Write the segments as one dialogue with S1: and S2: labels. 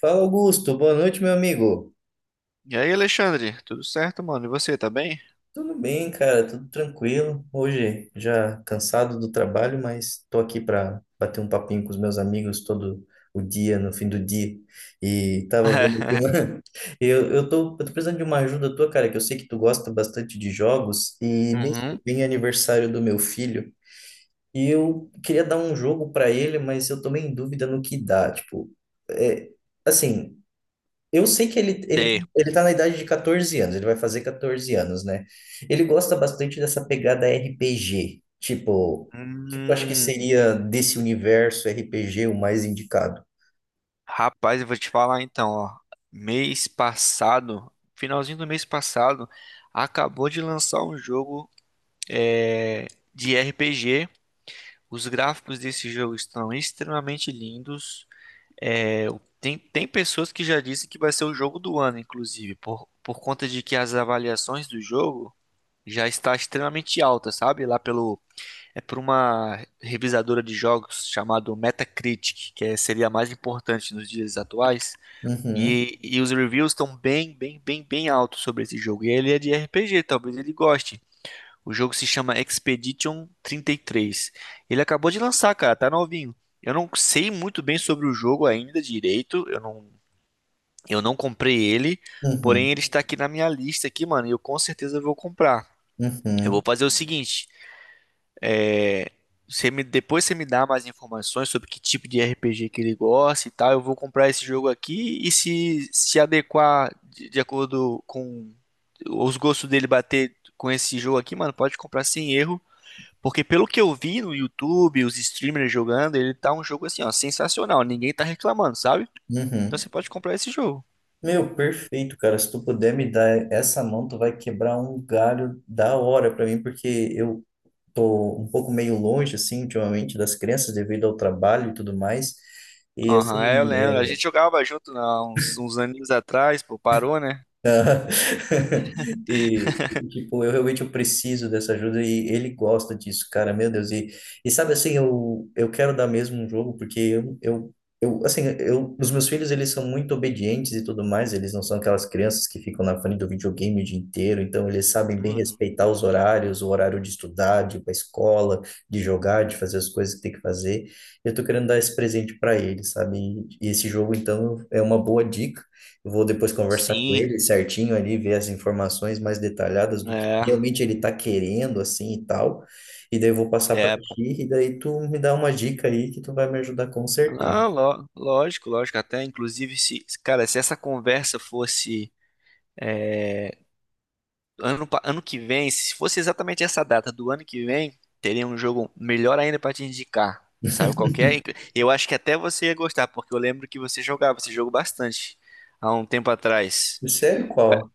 S1: Fala, Augusto. Boa noite, meu amigo.
S2: E aí, Alexandre? Tudo certo, mano? E você, tá bem?
S1: Tudo bem, cara? Tudo tranquilo. Hoje já cansado do trabalho, mas tô aqui para bater um papinho com os meus amigos todo o dia, no fim do dia. E tava vendo que eu tô precisando de uma ajuda tua, cara, que eu sei que tu gosta bastante de jogos e mês que
S2: Uhum.
S1: vem é aniversário do meu filho. E eu queria dar um jogo para ele, mas eu tô meio em dúvida no que dá. Tipo, é, assim, eu sei que ele, ele,
S2: T.
S1: ele tá na idade de 14 anos, ele vai fazer 14 anos, né? Ele gosta bastante dessa pegada RPG, tipo, acho que
S2: Hum,
S1: seria desse universo RPG o mais indicado.
S2: rapaz, eu vou te falar então, ó. Mês passado, finalzinho do mês passado, acabou de lançar um jogo de RPG. Os gráficos desse jogo estão extremamente lindos. É, tem pessoas que já dizem que vai ser o jogo do ano, inclusive, por conta de que as avaliações do jogo já está extremamente alta, sabe? Lá pelo É por uma revisadora de jogos chamado Metacritic, que seria a mais importante nos dias atuais.
S1: Uhum,
S2: E os reviews estão bem, bem, bem, bem altos sobre esse jogo. E ele é de RPG, talvez ele goste. O jogo se chama Expedition 33. Ele acabou de lançar, cara, tá novinho. Eu não sei muito bem sobre o jogo ainda direito. Eu não comprei ele,
S1: uhum,
S2: porém ele está aqui na minha lista aqui, mano, e eu com certeza vou comprar. Eu vou
S1: uhum,
S2: fazer o seguinte, depois você me dá mais informações sobre que tipo de RPG que ele gosta e tal. Eu vou comprar esse jogo aqui e se adequar de acordo com os gostos dele bater com esse jogo aqui, mano, pode comprar sem erro. Porque pelo que eu vi no YouTube, os streamers jogando, ele tá um jogo assim, ó, sensacional. Ninguém tá reclamando, sabe?
S1: uhum.
S2: Então você pode comprar esse jogo.
S1: Meu, perfeito, cara. Se tu puder me dar essa mão, tu vai quebrar um galho da hora pra mim, porque eu tô um pouco meio longe, assim, ultimamente, das crianças devido ao trabalho e tudo mais. E
S2: Aham, é, eu
S1: assim,
S2: lembro. A gente jogava junto há uns aninhos atrás, pô, parou, né?
S1: aham. E, tipo, eu realmente eu preciso dessa ajuda e ele gosta disso, cara, meu Deus. E sabe assim, eu quero dar mesmo um jogo, porque eu assim, os meus filhos, eles são muito obedientes e tudo mais, eles não são aquelas crianças que ficam na frente do videogame o dia inteiro, então eles sabem bem
S2: Uhum.
S1: respeitar os horários, o horário de estudar, de ir pra escola, de jogar, de fazer as coisas que tem que fazer. Eu tô querendo dar esse presente para eles, sabe? E esse jogo, então, é uma boa dica. Eu vou depois conversar com
S2: Sim,
S1: ele certinho ali, ver as informações mais detalhadas do que
S2: é.
S1: realmente ele está querendo, assim e tal. E daí eu vou passar para
S2: É,
S1: ti, e daí tu me dá uma dica aí que tu vai me ajudar com certeza.
S2: ah, lógico, lógico. Até, inclusive, se, cara, se essa conversa fosse é, ano que vem, se fosse exatamente essa data do ano que vem, teria um jogo melhor ainda pra te indicar. Sabe qual que é? Eu acho que até você ia gostar, porque eu lembro que você jogava esse jogo bastante há um tempo atrás.
S1: Sério,
S2: Vai,
S1: qual?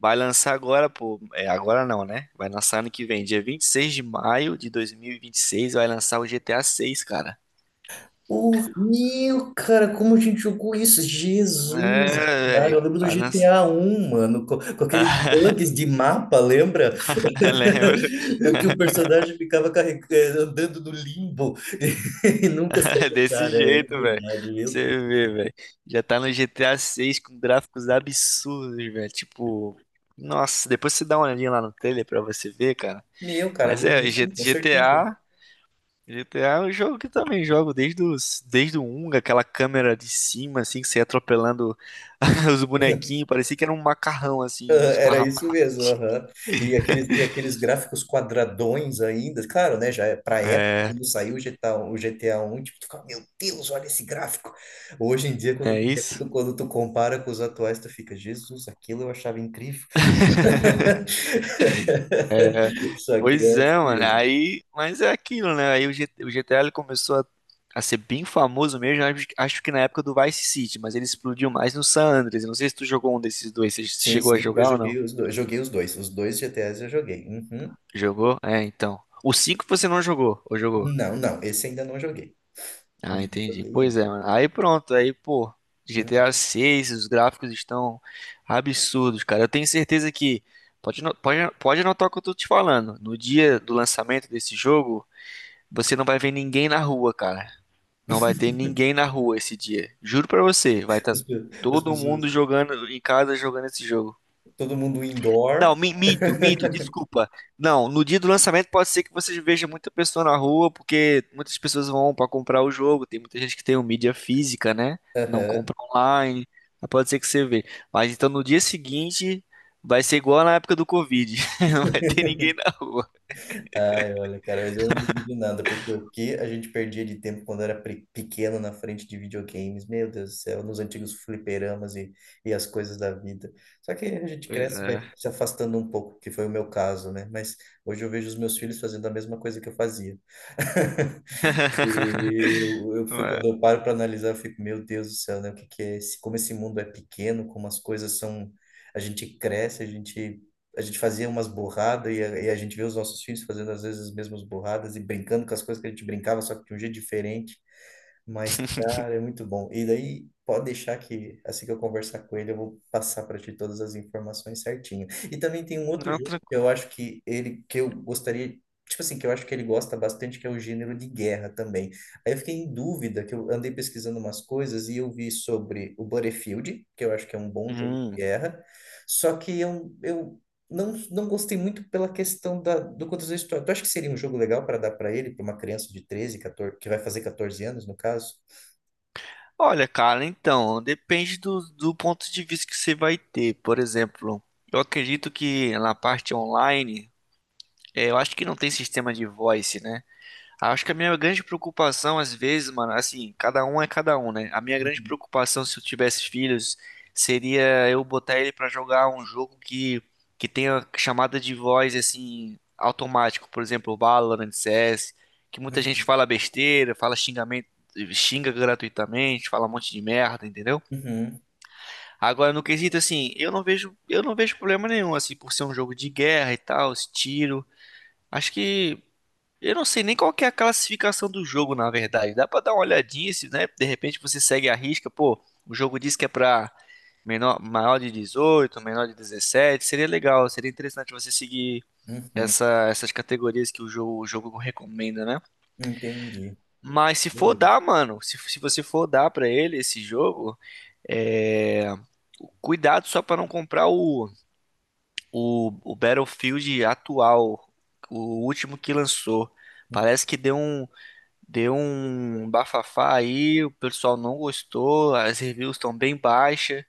S2: vai lançar agora, pô. É, agora não, né? Vai lançar ano que vem, dia 26 de maio de dois mil e vinte e seis, vai lançar o GTA 6, cara.
S1: Horrível, cara, como a gente jogou isso? Jesus,
S2: É,
S1: cara,
S2: velho.
S1: eu lembro do
S2: Vai
S1: GTA
S2: lançar.
S1: um mano, com aqueles bugs de mapa, lembra?
S2: Lembro.
S1: Que o personagem ficava andando no limbo e nunca saiu,
S2: Desse
S1: cara, é
S2: jeito, velho.
S1: verdade, meu
S2: Você
S1: Deus.
S2: vê, velho. Já tá no GTA 6 com gráficos absurdos, velho. Tipo, nossa, depois você dá uma olhadinha lá no trailer pra você ver, cara.
S1: Meu, cara,
S2: Mas
S1: vou ver
S2: é,
S1: sim, com certeza.
S2: G- GTA, GTA é um jogo que eu também jogo desde o um aquela câmera de cima, assim, que você ia atropelando os bonequinhos, parecia que era um macarrão, assim,
S1: Era isso
S2: esparramado.
S1: mesmo, aham. E aqueles gráficos quadradões ainda, claro, né? Já é pra época,
S2: É,
S1: quando saiu o GTA, o GTA 1, tipo, tu fica, meu Deus, olha esse gráfico. Hoje em dia, quando
S2: é isso?
S1: tu, quando tu compara com os atuais, tu fica, Jesus, aquilo eu achava incrível. Só que
S2: Pois
S1: é assim
S2: é, mano.
S1: mesmo.
S2: Aí, mas é aquilo, né? Aí o GTA ele começou a ser bem famoso mesmo, acho que na época do Vice City, mas ele explodiu mais no San Andreas. Eu não sei se tu jogou um desses dois. Você
S1: Sim,
S2: chegou a
S1: sim, eu
S2: jogar ou não?
S1: joguei os dois, joguei os dois. Os dois GTAs eu joguei. Uhum.
S2: Jogou? É, então. O 5 você não jogou, ou jogou?
S1: Não, não, esse ainda não joguei. Uhum.
S2: Ah,
S1: Não
S2: entendi.
S1: joguei
S2: Pois
S1: ainda.
S2: é, mano. Aí pronto, aí, pô, GTA
S1: Uhum.
S2: seis os gráficos estão absurdos, cara. Eu tenho certeza que pode anotar o que eu tô te falando. No dia do lançamento desse jogo, você não vai ver ninguém na rua, cara. Não vai ter ninguém na rua esse dia. Juro pra você, vai estar
S1: As pe- as
S2: todo mundo
S1: pessoas,
S2: jogando em casa jogando esse jogo.
S1: todo mundo
S2: Não,
S1: indoor.
S2: minto, desculpa. Não, no dia do lançamento pode ser que você veja muita pessoa na rua, porque muitas pessoas vão pra comprar o jogo. Tem muita gente que tem o mídia física, né? Não
S1: Aham.
S2: compra online. Mas pode ser que você vê. Mas então no dia seguinte vai ser igual na época do Covid. Não vai ter ninguém na rua.
S1: Ai, olha, cara, mas eu não duvido nada, porque o que a gente perdia de tempo quando era pequeno na frente de videogames, meu Deus do céu, nos antigos fliperamas e as coisas da vida. Só que a gente
S2: Pois
S1: cresce, e vai
S2: é.
S1: se afastando um pouco, que foi o meu caso, né? Mas hoje eu vejo os meus filhos fazendo a mesma coisa que eu fazia. E eu, eu
S2: Não
S1: fico,
S2: é.
S1: quando eu paro para analisar, eu fico, meu Deus do céu, né? O que que é esse, como esse mundo é pequeno, como as coisas são, a gente cresce, a gente fazia umas borradas e a gente vê os nossos filhos fazendo às vezes as mesmas borradas e brincando com as coisas que a gente brincava, só que de um jeito diferente. Mas, cara, é muito bom. E daí, pode deixar que assim que eu conversar com ele, eu vou passar para ti todas as informações certinho. E também tem um outro
S2: Não,
S1: jogo que
S2: tranquilo.
S1: eu acho que ele, que eu gostaria, tipo assim, que eu acho que ele gosta bastante, que é o gênero de guerra também. Aí eu fiquei em dúvida, que eu andei pesquisando umas coisas e eu vi sobre o Battlefield, que eu acho que é um bom jogo de
S2: Hum.
S1: guerra. Só que eu não, não gostei muito pela questão do quantas vezes tu acha que seria um jogo legal para dar para ele, para uma criança de treze, 14, que vai fazer 14 anos, no caso?
S2: Olha, cara, então, depende do ponto de vista que você vai ter. Por exemplo, eu acredito que na parte online, eu acho que não tem sistema de voice, né? Acho que a minha grande preocupação, às vezes, mano, assim, cada um é cada um, né? A minha grande
S1: Uhum,
S2: preocupação, se eu tivesse filhos, seria eu botar ele pra jogar um jogo que tenha chamada de voz, assim, automático. Por exemplo, Valorant, CS, que muita gente fala besteira, fala xingamento, xinga gratuitamente, fala um monte de merda, entendeu?
S1: uhum,
S2: Agora, no quesito, assim, eu não vejo problema nenhum, assim, por ser um jogo de guerra e tal, esse tiro. Acho que eu não sei nem qual que é a classificação do jogo, na verdade. Dá pra dar uma olhadinha, se, né? De repente você segue a risca, pô, o jogo diz que é pra menor, maior de 18, menor de 17. Seria legal, seria interessante você seguir
S1: uhum, uhum.
S2: essas categorias que o jogo recomenda, né?
S1: Entendi.
S2: Mas se for
S1: Beleza.
S2: dar, mano, se você for dar pra ele esse jogo, é... cuidado só pra não comprar o Battlefield atual, o último que lançou. Parece que deu um Deu um bafafá aí, o pessoal não gostou, as reviews estão bem baixas.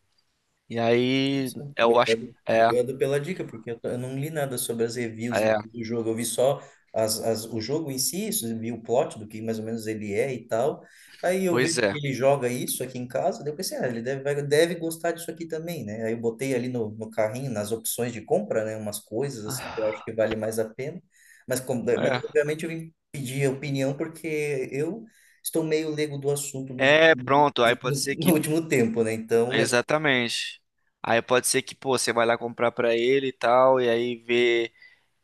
S2: E aí,
S1: Nossa,
S2: eu acho que.
S1: obrigado,
S2: É,
S1: obrigado pela dica, porque eu não li nada sobre as reviews em
S2: é,
S1: si do jogo. Eu vi só o jogo em si, isso, vi o plot do que mais ou menos ele é e tal. Aí eu
S2: pois
S1: vejo
S2: é.
S1: que ele joga isso aqui em casa, daí eu pensei, ah, ele deve gostar disso aqui também, né? Aí eu botei ali no carrinho, nas opções de compra, né? Umas coisas assim que eu acho que vale mais a pena. Mas, como, mas
S2: É,
S1: obviamente eu vim pedir opinião porque eu estou meio leigo do assunto
S2: é, pronto, aí pode ser
S1: no
S2: que.
S1: último tempo, né? Então é.
S2: Exatamente. Aí pode ser que, pô, você vai lá comprar pra ele e tal, e aí vê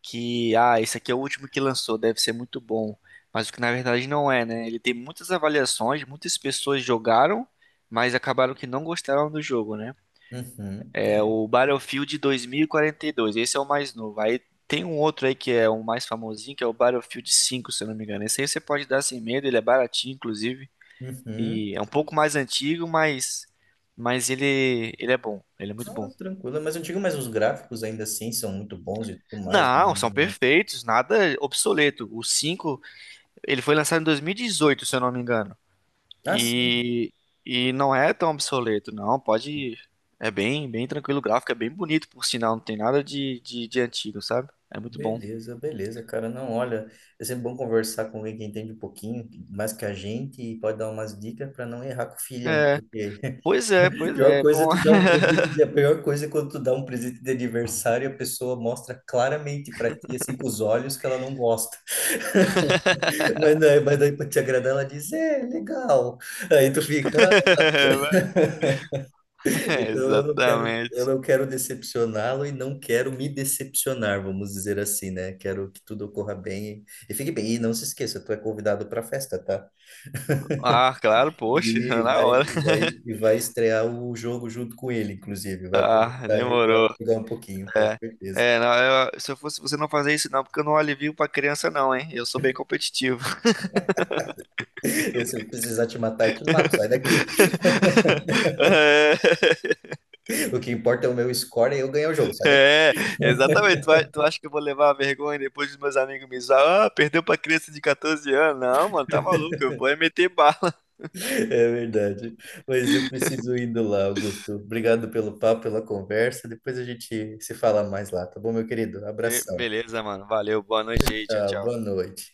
S2: que, ah, esse aqui é o último que lançou, deve ser muito bom. Mas o que na verdade não é, né? Ele tem muitas avaliações, muitas pessoas jogaram, mas acabaram que não gostaram do jogo, né?
S1: Uhum.
S2: É o Battlefield 2042, esse é o mais novo. Aí tem um outro aí que é o mais famosinho, que é o Battlefield 5 se eu não me engano. Esse aí você pode dar sem medo, ele é baratinho, inclusive.
S1: Uhum.
S2: E é um pouco mais antigo, mas ele é bom, ele é muito
S1: Ah,
S2: bom.
S1: tranquilo, mas eu digo, mas os gráficos ainda assim são muito bons e tudo mais,
S2: Não, são
S1: né?
S2: perfeitos, nada obsoleto. O 5 ele foi lançado em 2018 se eu não me engano.
S1: Ah, sim.
S2: E, e não é tão obsoleto, não, pode... É bem, bem tranquilo o gráfico, é bem bonito, por sinal, não tem nada de antigo, sabe? É muito bom.
S1: Beleza, beleza, cara. Não, olha, é sempre bom conversar com alguém que entende um pouquinho mais que a gente e pode dar umas dicas para não errar com o filhão,
S2: É,
S1: porque
S2: pois é,
S1: a
S2: pois
S1: pior
S2: é,
S1: coisa é
S2: bom.
S1: tu dar um presente de, a pior coisa é quando tu dá um presente de aniversário e a pessoa mostra claramente para ti, assim, com os olhos que ela não gosta. Mas, mas daí para te agradar, ela diz, é, legal. Aí tu fica.
S2: É,
S1: Então eu
S2: exatamente.
S1: não quero decepcioná-lo e não quero me decepcionar, vamos dizer assim, né? Quero que tudo ocorra bem e fique bem. E não se esqueça, tu é convidado para a festa, tá?
S2: Ah, claro, poxa,
S1: E
S2: na
S1: vai,
S2: hora.
S1: e vai, e vai estrear o jogo junto com ele, inclusive. Vai
S2: Ah,
S1: aproveitar ali
S2: demorou.
S1: para jogar um pouquinho, com
S2: É,
S1: certeza.
S2: é, não, se eu fosse você não fazer isso não, porque eu não alivio pra criança não, hein? Eu sou bem competitivo.
S1: Se eu precisar te matar, eu te mato, sai daqui. O que importa é o meu score e eu ganhar o jogo, sai
S2: É, exatamente. Tu acha que eu vou levar a vergonha depois dos meus amigos me zoar? Ah, perdeu pra criança de 14 anos? Não, mano, tá maluco,
S1: daqui.
S2: eu vou é meter bala.
S1: É verdade. Mas eu preciso ir indo lá, Augusto. Obrigado pelo papo, pela conversa. Depois a gente se fala mais lá, tá bom, meu querido?
S2: Be-
S1: Abração.
S2: Beleza, mano, valeu, boa noite aí, tchau,
S1: Tá,
S2: tchau.
S1: boa noite.